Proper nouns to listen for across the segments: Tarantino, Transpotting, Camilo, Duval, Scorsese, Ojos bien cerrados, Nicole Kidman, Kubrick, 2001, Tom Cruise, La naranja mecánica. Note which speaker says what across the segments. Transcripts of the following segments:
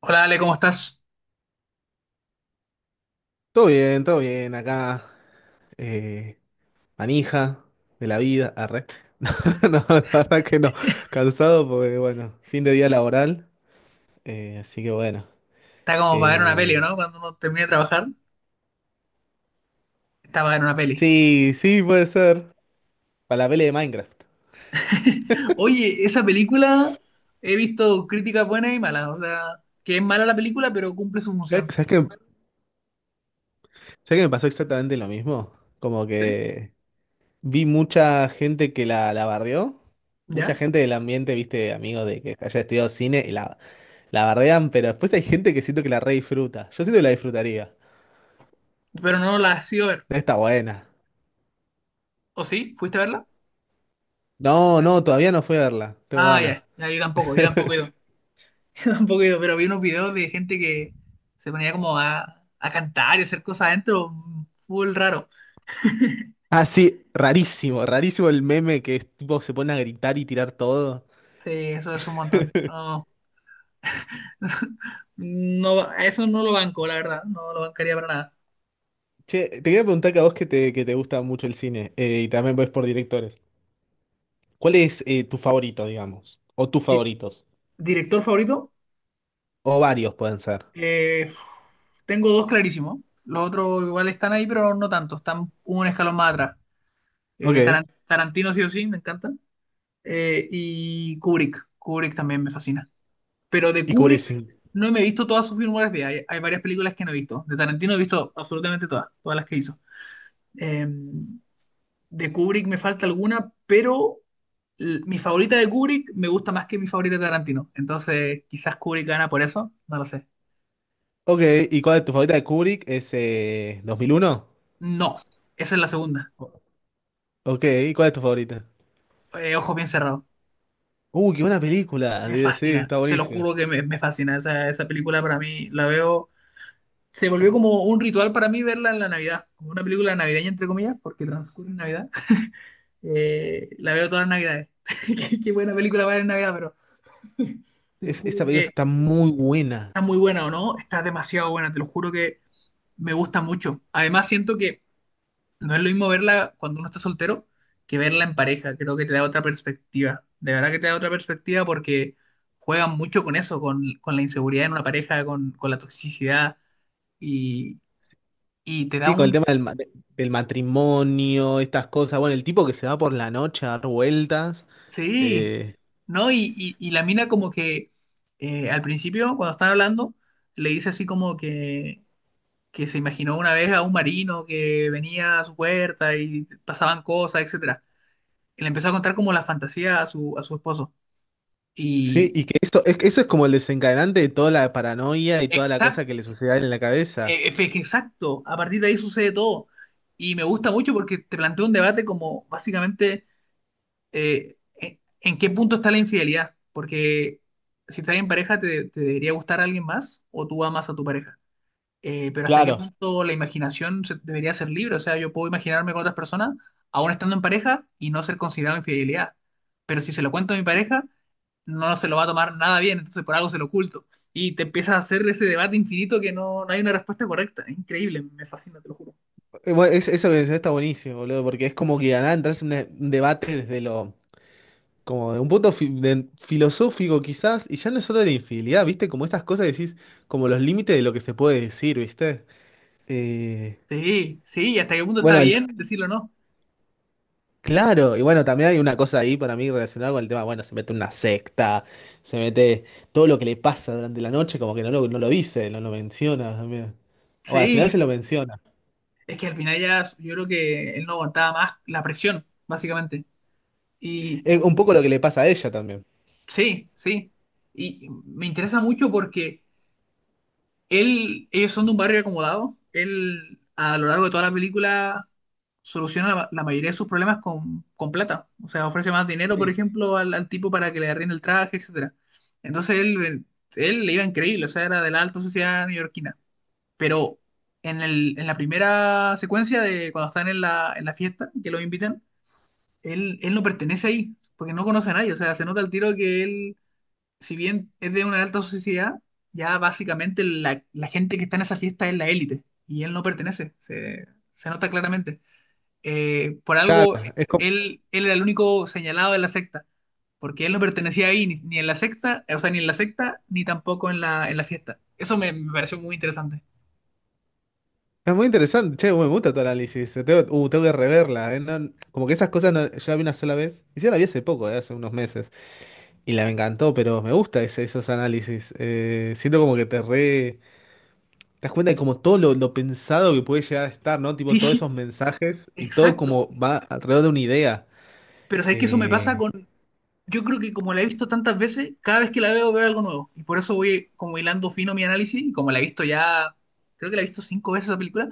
Speaker 1: Hola Ale, ¿cómo estás?
Speaker 2: Todo bien, acá, eh, manija de la vida, arre. No, no, la verdad que no, cansado porque, bueno, fin de día laboral, así que bueno.
Speaker 1: Está como para ver una peli, ¿o
Speaker 2: eh,
Speaker 1: no? Cuando uno termina de trabajar, está para ver una peli.
Speaker 2: sí, sí, puede ser, para la pelea de Minecraft.
Speaker 1: Oye, esa película he visto críticas buenas y malas, o sea, que es mala la película, pero cumple su
Speaker 2: ¿Sabes
Speaker 1: función.
Speaker 2: sabes qué, sabes qué me pasó exactamente lo mismo? Como
Speaker 1: ¿Sí?
Speaker 2: que vi mucha gente que la bardeó, mucha
Speaker 1: ¿Ya?
Speaker 2: gente del ambiente, viste, amigos de que haya estudiado cine, y la bardean, pero después hay gente que siento que la re disfruta. Yo siento que la disfrutaría.
Speaker 1: Pero no la has ido a ver.
Speaker 2: Está buena.
Speaker 1: ¿O sí? ¿Fuiste a verla?
Speaker 2: No, no, todavía no fui a verla. Tengo
Speaker 1: Ah, ya,
Speaker 2: ganas.
Speaker 1: ya, yo tampoco he ido. Yo tampoco he ido, pero vi unos videos de gente que se ponía como a cantar y hacer cosas adentro, full raro.
Speaker 2: Ah, sí, rarísimo, rarísimo el meme que es tipo se pone a gritar y tirar todo.
Speaker 1: Sí, eso es un montón. No, no, a eso no lo banco, la verdad, no lo bancaría para nada.
Speaker 2: Che, te quería preguntar que a vos que te gusta mucho el cine y también ves por directores. ¿Cuál es tu favorito, digamos? O tus favoritos.
Speaker 1: Director favorito,
Speaker 2: O varios pueden ser.
Speaker 1: eh, tengo dos clarísimos. Los otros igual están ahí, pero no tanto. Están un escalón más atrás.
Speaker 2: Ok.
Speaker 1: Tarantino sí o sí, me encanta. Y Kubrick. Kubrick también me fascina. Pero de
Speaker 2: Y Kubrick.
Speaker 1: Kubrick
Speaker 2: Sí.
Speaker 1: no me he visto todas sus filmografía. Hay varias películas que no he visto. De Tarantino he visto absolutamente todas, todas las que hizo. Eh, de Kubrick me falta alguna, pero mi favorita de Kubrick me gusta más que mi favorita de Tarantino. Entonces, quizás Kubrick gana por eso. No lo sé.
Speaker 2: Ok, ¿y cuál es tu favorita de Kubrick? ¿Es 2001?
Speaker 1: No, esa es la segunda.
Speaker 2: O- Ok, ¿y cuál es tu favorita?
Speaker 1: Ojos bien cerrados.
Speaker 2: Qué buena película.
Speaker 1: Me
Speaker 2: Sí, sí,
Speaker 1: fascina,
Speaker 2: está
Speaker 1: te lo
Speaker 2: buenísima.
Speaker 1: juro que me fascina. Esa película para mí la veo. Se volvió como un ritual para mí verla en la Navidad, como una película navideña, entre comillas, porque transcurre en Navidad. La veo todas las Navidades. Qué buena película para ver en Navidad, pero te lo
Speaker 2: Es,
Speaker 1: juro
Speaker 2: esa película
Speaker 1: que
Speaker 2: está muy buena.
Speaker 1: está muy buena o no, está demasiado buena, te lo juro que me gusta mucho. Además, siento que no es lo mismo verla cuando uno está soltero que verla en pareja. Creo que te da otra perspectiva. De verdad que te da otra perspectiva porque juegan mucho con eso, con, la inseguridad en una pareja, con la toxicidad y, y te da
Speaker 2: Sí, con el
Speaker 1: un.
Speaker 2: tema del del matrimonio, estas cosas. Bueno, el tipo que se va por la noche a dar vueltas.
Speaker 1: Sí,
Speaker 2: eh,
Speaker 1: ¿no? Y la mina como que al principio, cuando están hablando, le dice así como que se imaginó una vez a un marino que venía a su puerta y pasaban cosas, etcétera. Y le empezó a contar como la fantasía a su, esposo.
Speaker 2: sí,
Speaker 1: Y,
Speaker 2: y que eso es como el desencadenante de toda la paranoia y toda la cosa
Speaker 1: Exacto,
Speaker 2: que le sucede a él en la cabeza.
Speaker 1: exacto, a partir de ahí sucede todo. Y me gusta mucho porque te planteo un debate como básicamente, en qué punto está la infidelidad. Porque si estás en pareja, te debería gustar a alguien más o tú amas a tu pareja. Pero hasta qué
Speaker 2: Claro.
Speaker 1: punto la imaginación debería ser libre. O sea, yo puedo imaginarme con otras personas, aún estando en pareja, y no ser considerado infidelidad. Pero si se lo cuento a mi pareja, no se lo va a tomar nada bien, entonces por algo se lo oculto. Y te empiezas a hacer ese debate infinito que no, no hay una respuesta correcta. Es increíble, me fascina, te lo juro.
Speaker 2: Bueno, eso que decís está buenísimo, boludo, porque es como que ganar, entras en un debate desde lo, como de un punto filosófico quizás, y ya no es solo de la infidelidad, ¿viste? Como estas cosas que decís, como los límites de lo que se puede decir, ¿viste? Eh,
Speaker 1: Sí, sí, ¿y hasta qué punto está
Speaker 2: bueno, el,
Speaker 1: bien decirlo o no?
Speaker 2: Claro, y bueno, también hay una cosa ahí para mí relacionada con el tema, bueno, se mete en una secta, se mete todo lo que le pasa durante la noche, como que no lo dice, no lo menciona también. Bueno, al final
Speaker 1: Sí,
Speaker 2: se lo menciona.
Speaker 1: es que al final ya yo creo que él no aguantaba más la presión, básicamente. Y
Speaker 2: Es un poco lo que le pasa a ella también.
Speaker 1: sí, sí. Y me interesa mucho porque ellos son de un barrio acomodado. Él, a lo largo de toda la película, soluciona la, mayoría de sus problemas con plata. O sea, ofrece más dinero, por
Speaker 2: Sí,
Speaker 1: ejemplo, al, tipo para que le arriende el traje, etcétera. Entonces él le iba increíble, o sea, era de la alta sociedad neoyorquina. Pero en la primera secuencia de cuando están en la, fiesta, que lo invitan, él no pertenece ahí, porque no conoce a nadie. O sea, se nota al tiro que él si bien es de una alta sociedad, ya básicamente la, gente que está en esa fiesta es la élite y él no pertenece, se, nota claramente. Por
Speaker 2: claro,
Speaker 1: algo,
Speaker 2: es, como-
Speaker 1: él era el único señalado de la secta, porque él no pertenecía ahí ni en la secta, o sea, ni en la secta, ni tampoco en la, fiesta. Eso me pareció muy interesante.
Speaker 2: es muy interesante, che, me gusta tu análisis, tengo, tengo que reverla, como que esas cosas yo la vi una sola vez, y sí, la vi hace poco, hace unos meses, y la me encantó, pero me gusta esos análisis, siento como que te re... Te das cuenta de como todo lo pensado que puede llegar a estar, ¿no? Tipo, todos
Speaker 1: Sí,
Speaker 2: esos mensajes y todo
Speaker 1: exacto.
Speaker 2: como va alrededor de una idea.
Speaker 1: Pero sabes que eso me pasa.
Speaker 2: Eh,
Speaker 1: Yo creo que como la he visto tantas veces, cada vez que la veo veo algo nuevo. Y por eso voy como hilando fino mi análisis. Y como la he visto ya, creo que la he visto cinco veces esa película,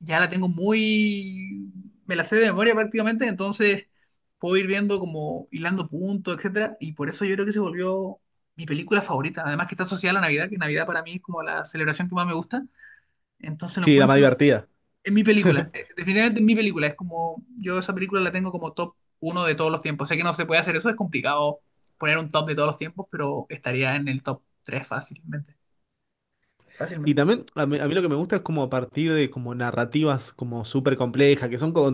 Speaker 1: ya la tengo muy. Me la sé de memoria prácticamente, entonces puedo ir viendo como hilando puntos, etcétera. Y por eso yo creo que se volvió mi película favorita. Además que está asociada a la Navidad, que Navidad para mí es como la celebración que más me gusta. Entonces lo
Speaker 2: sí, la más
Speaker 1: encuentro,
Speaker 2: divertida.
Speaker 1: es mi película, definitivamente es mi película. Es como, yo esa película la tengo como top uno de todos los tiempos. Sé que no se puede hacer eso, es complicado poner un top de todos los tiempos, pero estaría en el top 3 fácilmente.
Speaker 2: Y
Speaker 1: Fácilmente.
Speaker 2: también a mí lo que me gusta es como a partir de como narrativas como súper complejas, que son como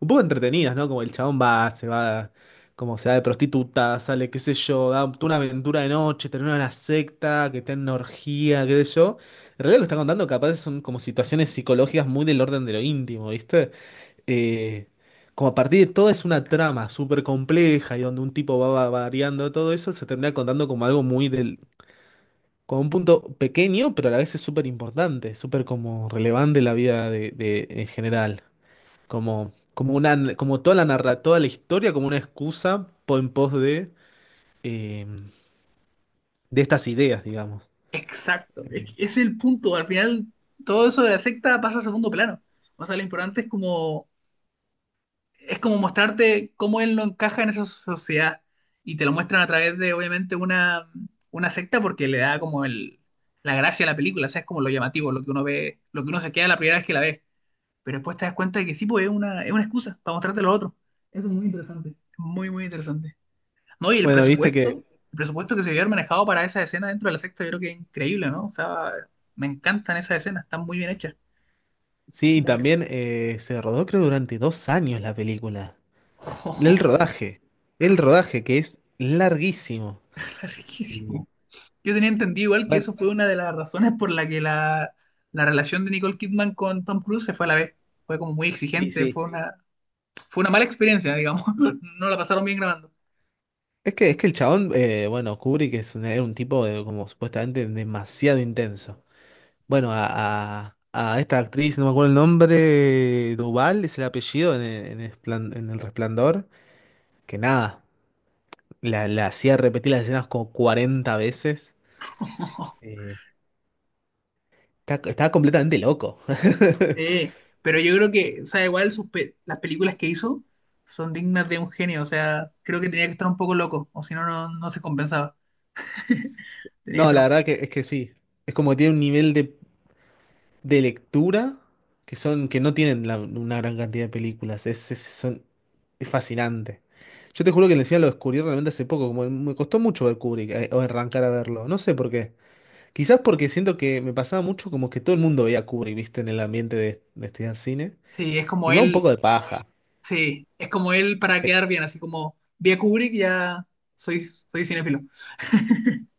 Speaker 2: un poco entretenidas, ¿no? Como el chabón se va, como se va de prostituta, sale, qué sé yo, da toda una aventura de noche, termina en una secta, que está en una orgía, qué sé yo. En realidad lo que está contando capaz son como situaciones psicológicas muy del orden de lo íntimo, ¿viste? eh, Como a partir de todo es una trama súper compleja y donde un tipo va, va variando todo eso, se termina contando como algo muy del, como un punto pequeño, pero a la vez es súper importante, súper como relevante en la vida en general. Como, como toda toda la historia como una excusa en pos eh, de estas ideas, digamos.
Speaker 1: Exacto. Que ese es el punto. Al final, todo eso de la secta pasa a segundo plano. O sea, lo importante es como, mostrarte cómo él no encaja en esa sociedad. Y te lo muestran a través de, obviamente, una secta porque le da como la gracia a la película. O sea, es como lo llamativo, lo que uno ve, lo que uno se queda la primera vez que la ve. Pero después te das cuenta de que sí, pues es una excusa para mostrarte a los otros. Eso es muy interesante. Es muy, muy interesante. No, y el Bueno,
Speaker 2: Bueno, viste que
Speaker 1: el presupuesto que se había manejado para esa escena dentro de la secta, yo creo que es increíble, ¿no? O sea, me encantan esas escenas, están muy bien hechas.
Speaker 2: sí,
Speaker 1: Muy bien.
Speaker 2: también se rodó creo durante 2 años la película. El
Speaker 1: Oh,
Speaker 2: rodaje, el rodaje que es larguísimo. Y,
Speaker 1: riquísimo. Yo tenía entendido igual que
Speaker 2: bueno,
Speaker 1: eso fue una de las razones por la que la, relación de Nicole Kidman con Tom Cruise se fue a la vez. Fue como muy
Speaker 2: y
Speaker 1: exigente, fue
Speaker 2: sí.
Speaker 1: una, fue una mala experiencia, digamos. No la pasaron bien grabando.
Speaker 2: Es que el chabón, bueno, Kubrick era un tipo de, como supuestamente demasiado intenso. Bueno, a esta actriz, no me acuerdo el nombre, Duval es el apellido en en el en El Resplandor, que nada, la hacía repetir las escenas como 40 veces. Eh, Estaba completamente loco.
Speaker 1: Sí, pero yo creo que, o sea, igual las películas que hizo son dignas de un genio, o sea, creo que tenía que estar un poco loco, o si no, no se compensaba. Tenía que
Speaker 2: No,
Speaker 1: estar
Speaker 2: la
Speaker 1: un
Speaker 2: verdad
Speaker 1: poco.
Speaker 2: que es que sí. Es como que tiene un nivel de lectura que son, que no tienen una gran cantidad de películas. Es fascinante. Yo te juro que encima lo descubrí realmente hace poco, como me costó mucho ver Kubrick o arrancar a verlo. No sé por qué. Quizás porque siento que me pasaba mucho como que todo el mundo veía Kubrick, viste, en el ambiente de estudiar cine.
Speaker 1: Sí, es
Speaker 2: Y
Speaker 1: como
Speaker 2: me da un
Speaker 1: él,
Speaker 2: poco de paja.
Speaker 1: sí, es como él para
Speaker 2: Eh,
Speaker 1: quedar bien, así como vi a Kubrick, ya soy cinéfilo.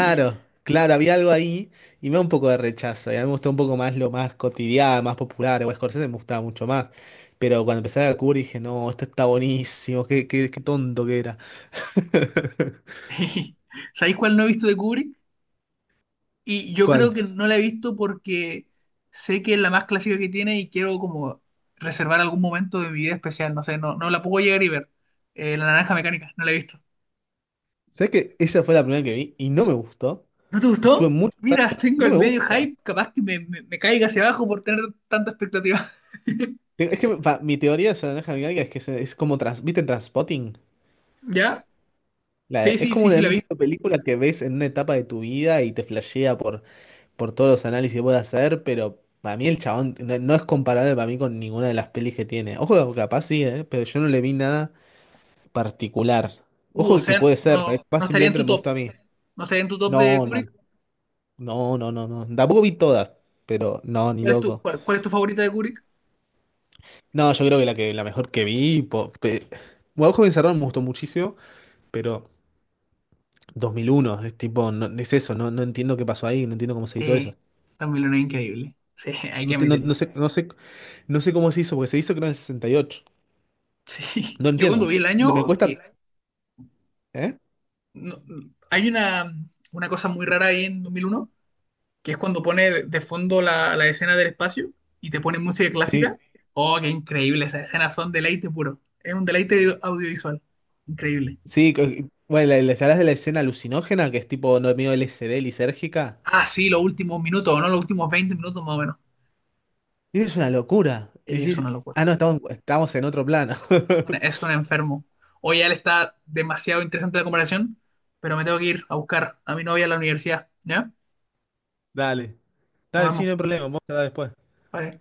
Speaker 1: Y,
Speaker 2: claro, había algo ahí y me da un poco de rechazo. Y a mí me gustó un poco más lo más cotidiano, más popular. O Scorsese me gustaba mucho más. Pero cuando empecé a descubrir dije, no, esto está buenísimo, qué tonto que era.
Speaker 1: ¿sabéis cuál no he visto de Kubrick? Y yo creo
Speaker 2: ¿Cuál?
Speaker 1: que no la he visto porque sé que es la más clásica que tiene y quiero como reservar algún momento de mi vida especial, no sé, no, no la puedo llegar y ver. La naranja mecánica, no la he visto.
Speaker 2: ¿Sabes que esa fue la primera que vi y no me gustó?
Speaker 1: ¿No te
Speaker 2: Y estuve
Speaker 1: gustó?
Speaker 2: mucho.
Speaker 1: Mira, tengo
Speaker 2: No
Speaker 1: el
Speaker 2: me
Speaker 1: medio
Speaker 2: gusta.
Speaker 1: hype, capaz que me, me caiga hacia abajo por tener tanta expectativa.
Speaker 2: Es que mi teoría de la naranja mecánica es que es como. ¿Viste Transpotting?
Speaker 1: ¿Ya? Sí,
Speaker 2: Es
Speaker 1: sí,
Speaker 2: como
Speaker 1: sí, sí, la
Speaker 2: un
Speaker 1: vi.
Speaker 2: tipo de película que ves en una etapa de tu vida y te flashea por. Por todos los análisis que pueda hacer, pero para mí el chabón no es comparable para mí con ninguna de las pelis que tiene. Ojo, que capaz sí, pero yo no le vi nada particular.
Speaker 1: Uh, o
Speaker 2: Ojo que
Speaker 1: sea,
Speaker 2: puede ser,
Speaker 1: no,
Speaker 2: capaz
Speaker 1: no estaría en
Speaker 2: simplemente
Speaker 1: tu
Speaker 2: no me
Speaker 1: top.
Speaker 2: gusta a mí.
Speaker 1: No estaría en tu top de
Speaker 2: No, no,
Speaker 1: Kubrick.
Speaker 2: no, no, no, no. Tampoco vi todas, pero no, ni
Speaker 1: ¿Cuál es tu,
Speaker 2: loco.
Speaker 1: cuál, cuál es tu favorita de Kubrick?
Speaker 2: No, yo creo que la mejor que vi, bueno, Ojo de me gustó muchísimo, pero 2001, es tipo, no, es eso, no, no entiendo qué pasó ahí, no entiendo cómo se hizo
Speaker 1: Eh,
Speaker 2: eso.
Speaker 1: también una increíble. Sí, hay que
Speaker 2: No,
Speaker 1: admitirlo.
Speaker 2: no sé, no sé cómo se hizo, porque se hizo creo en el 68.
Speaker 1: Sí.
Speaker 2: No
Speaker 1: Yo cuando
Speaker 2: entiendo.
Speaker 1: vi el
Speaker 2: No me
Speaker 1: año,
Speaker 2: cuesta.
Speaker 1: que
Speaker 2: ¿Eh?
Speaker 1: no- hay una, cosa muy rara ahí en 2001, que es cuando pone de fondo la escena del espacio y te pone música clásica.
Speaker 2: Sí,
Speaker 1: Oh, qué increíble, esas escenas son deleite puro. Es un deleite audiovisual. Increíble.
Speaker 2: sí, bueno, ¿sabés de la escena alucinógena que es tipo no medio LSD lisérgica?
Speaker 1: Ah, sí, los últimos minutos, ¿no? Los últimos 20 minutos más o menos.
Speaker 2: Y es una locura. Y
Speaker 1: Es
Speaker 2: decís,
Speaker 1: una locura.
Speaker 2: ah, no, estamos en otro plano.
Speaker 1: Es un enfermo. Hoy ya le está demasiado interesante la comparación, pero me tengo que ir a buscar a mi novia a la universidad. ¿Ya?
Speaker 2: Dale.
Speaker 1: Nos
Speaker 2: Dale, sí,
Speaker 1: vemos.
Speaker 2: no hay problema. Vamos a dar después.
Speaker 1: Bye.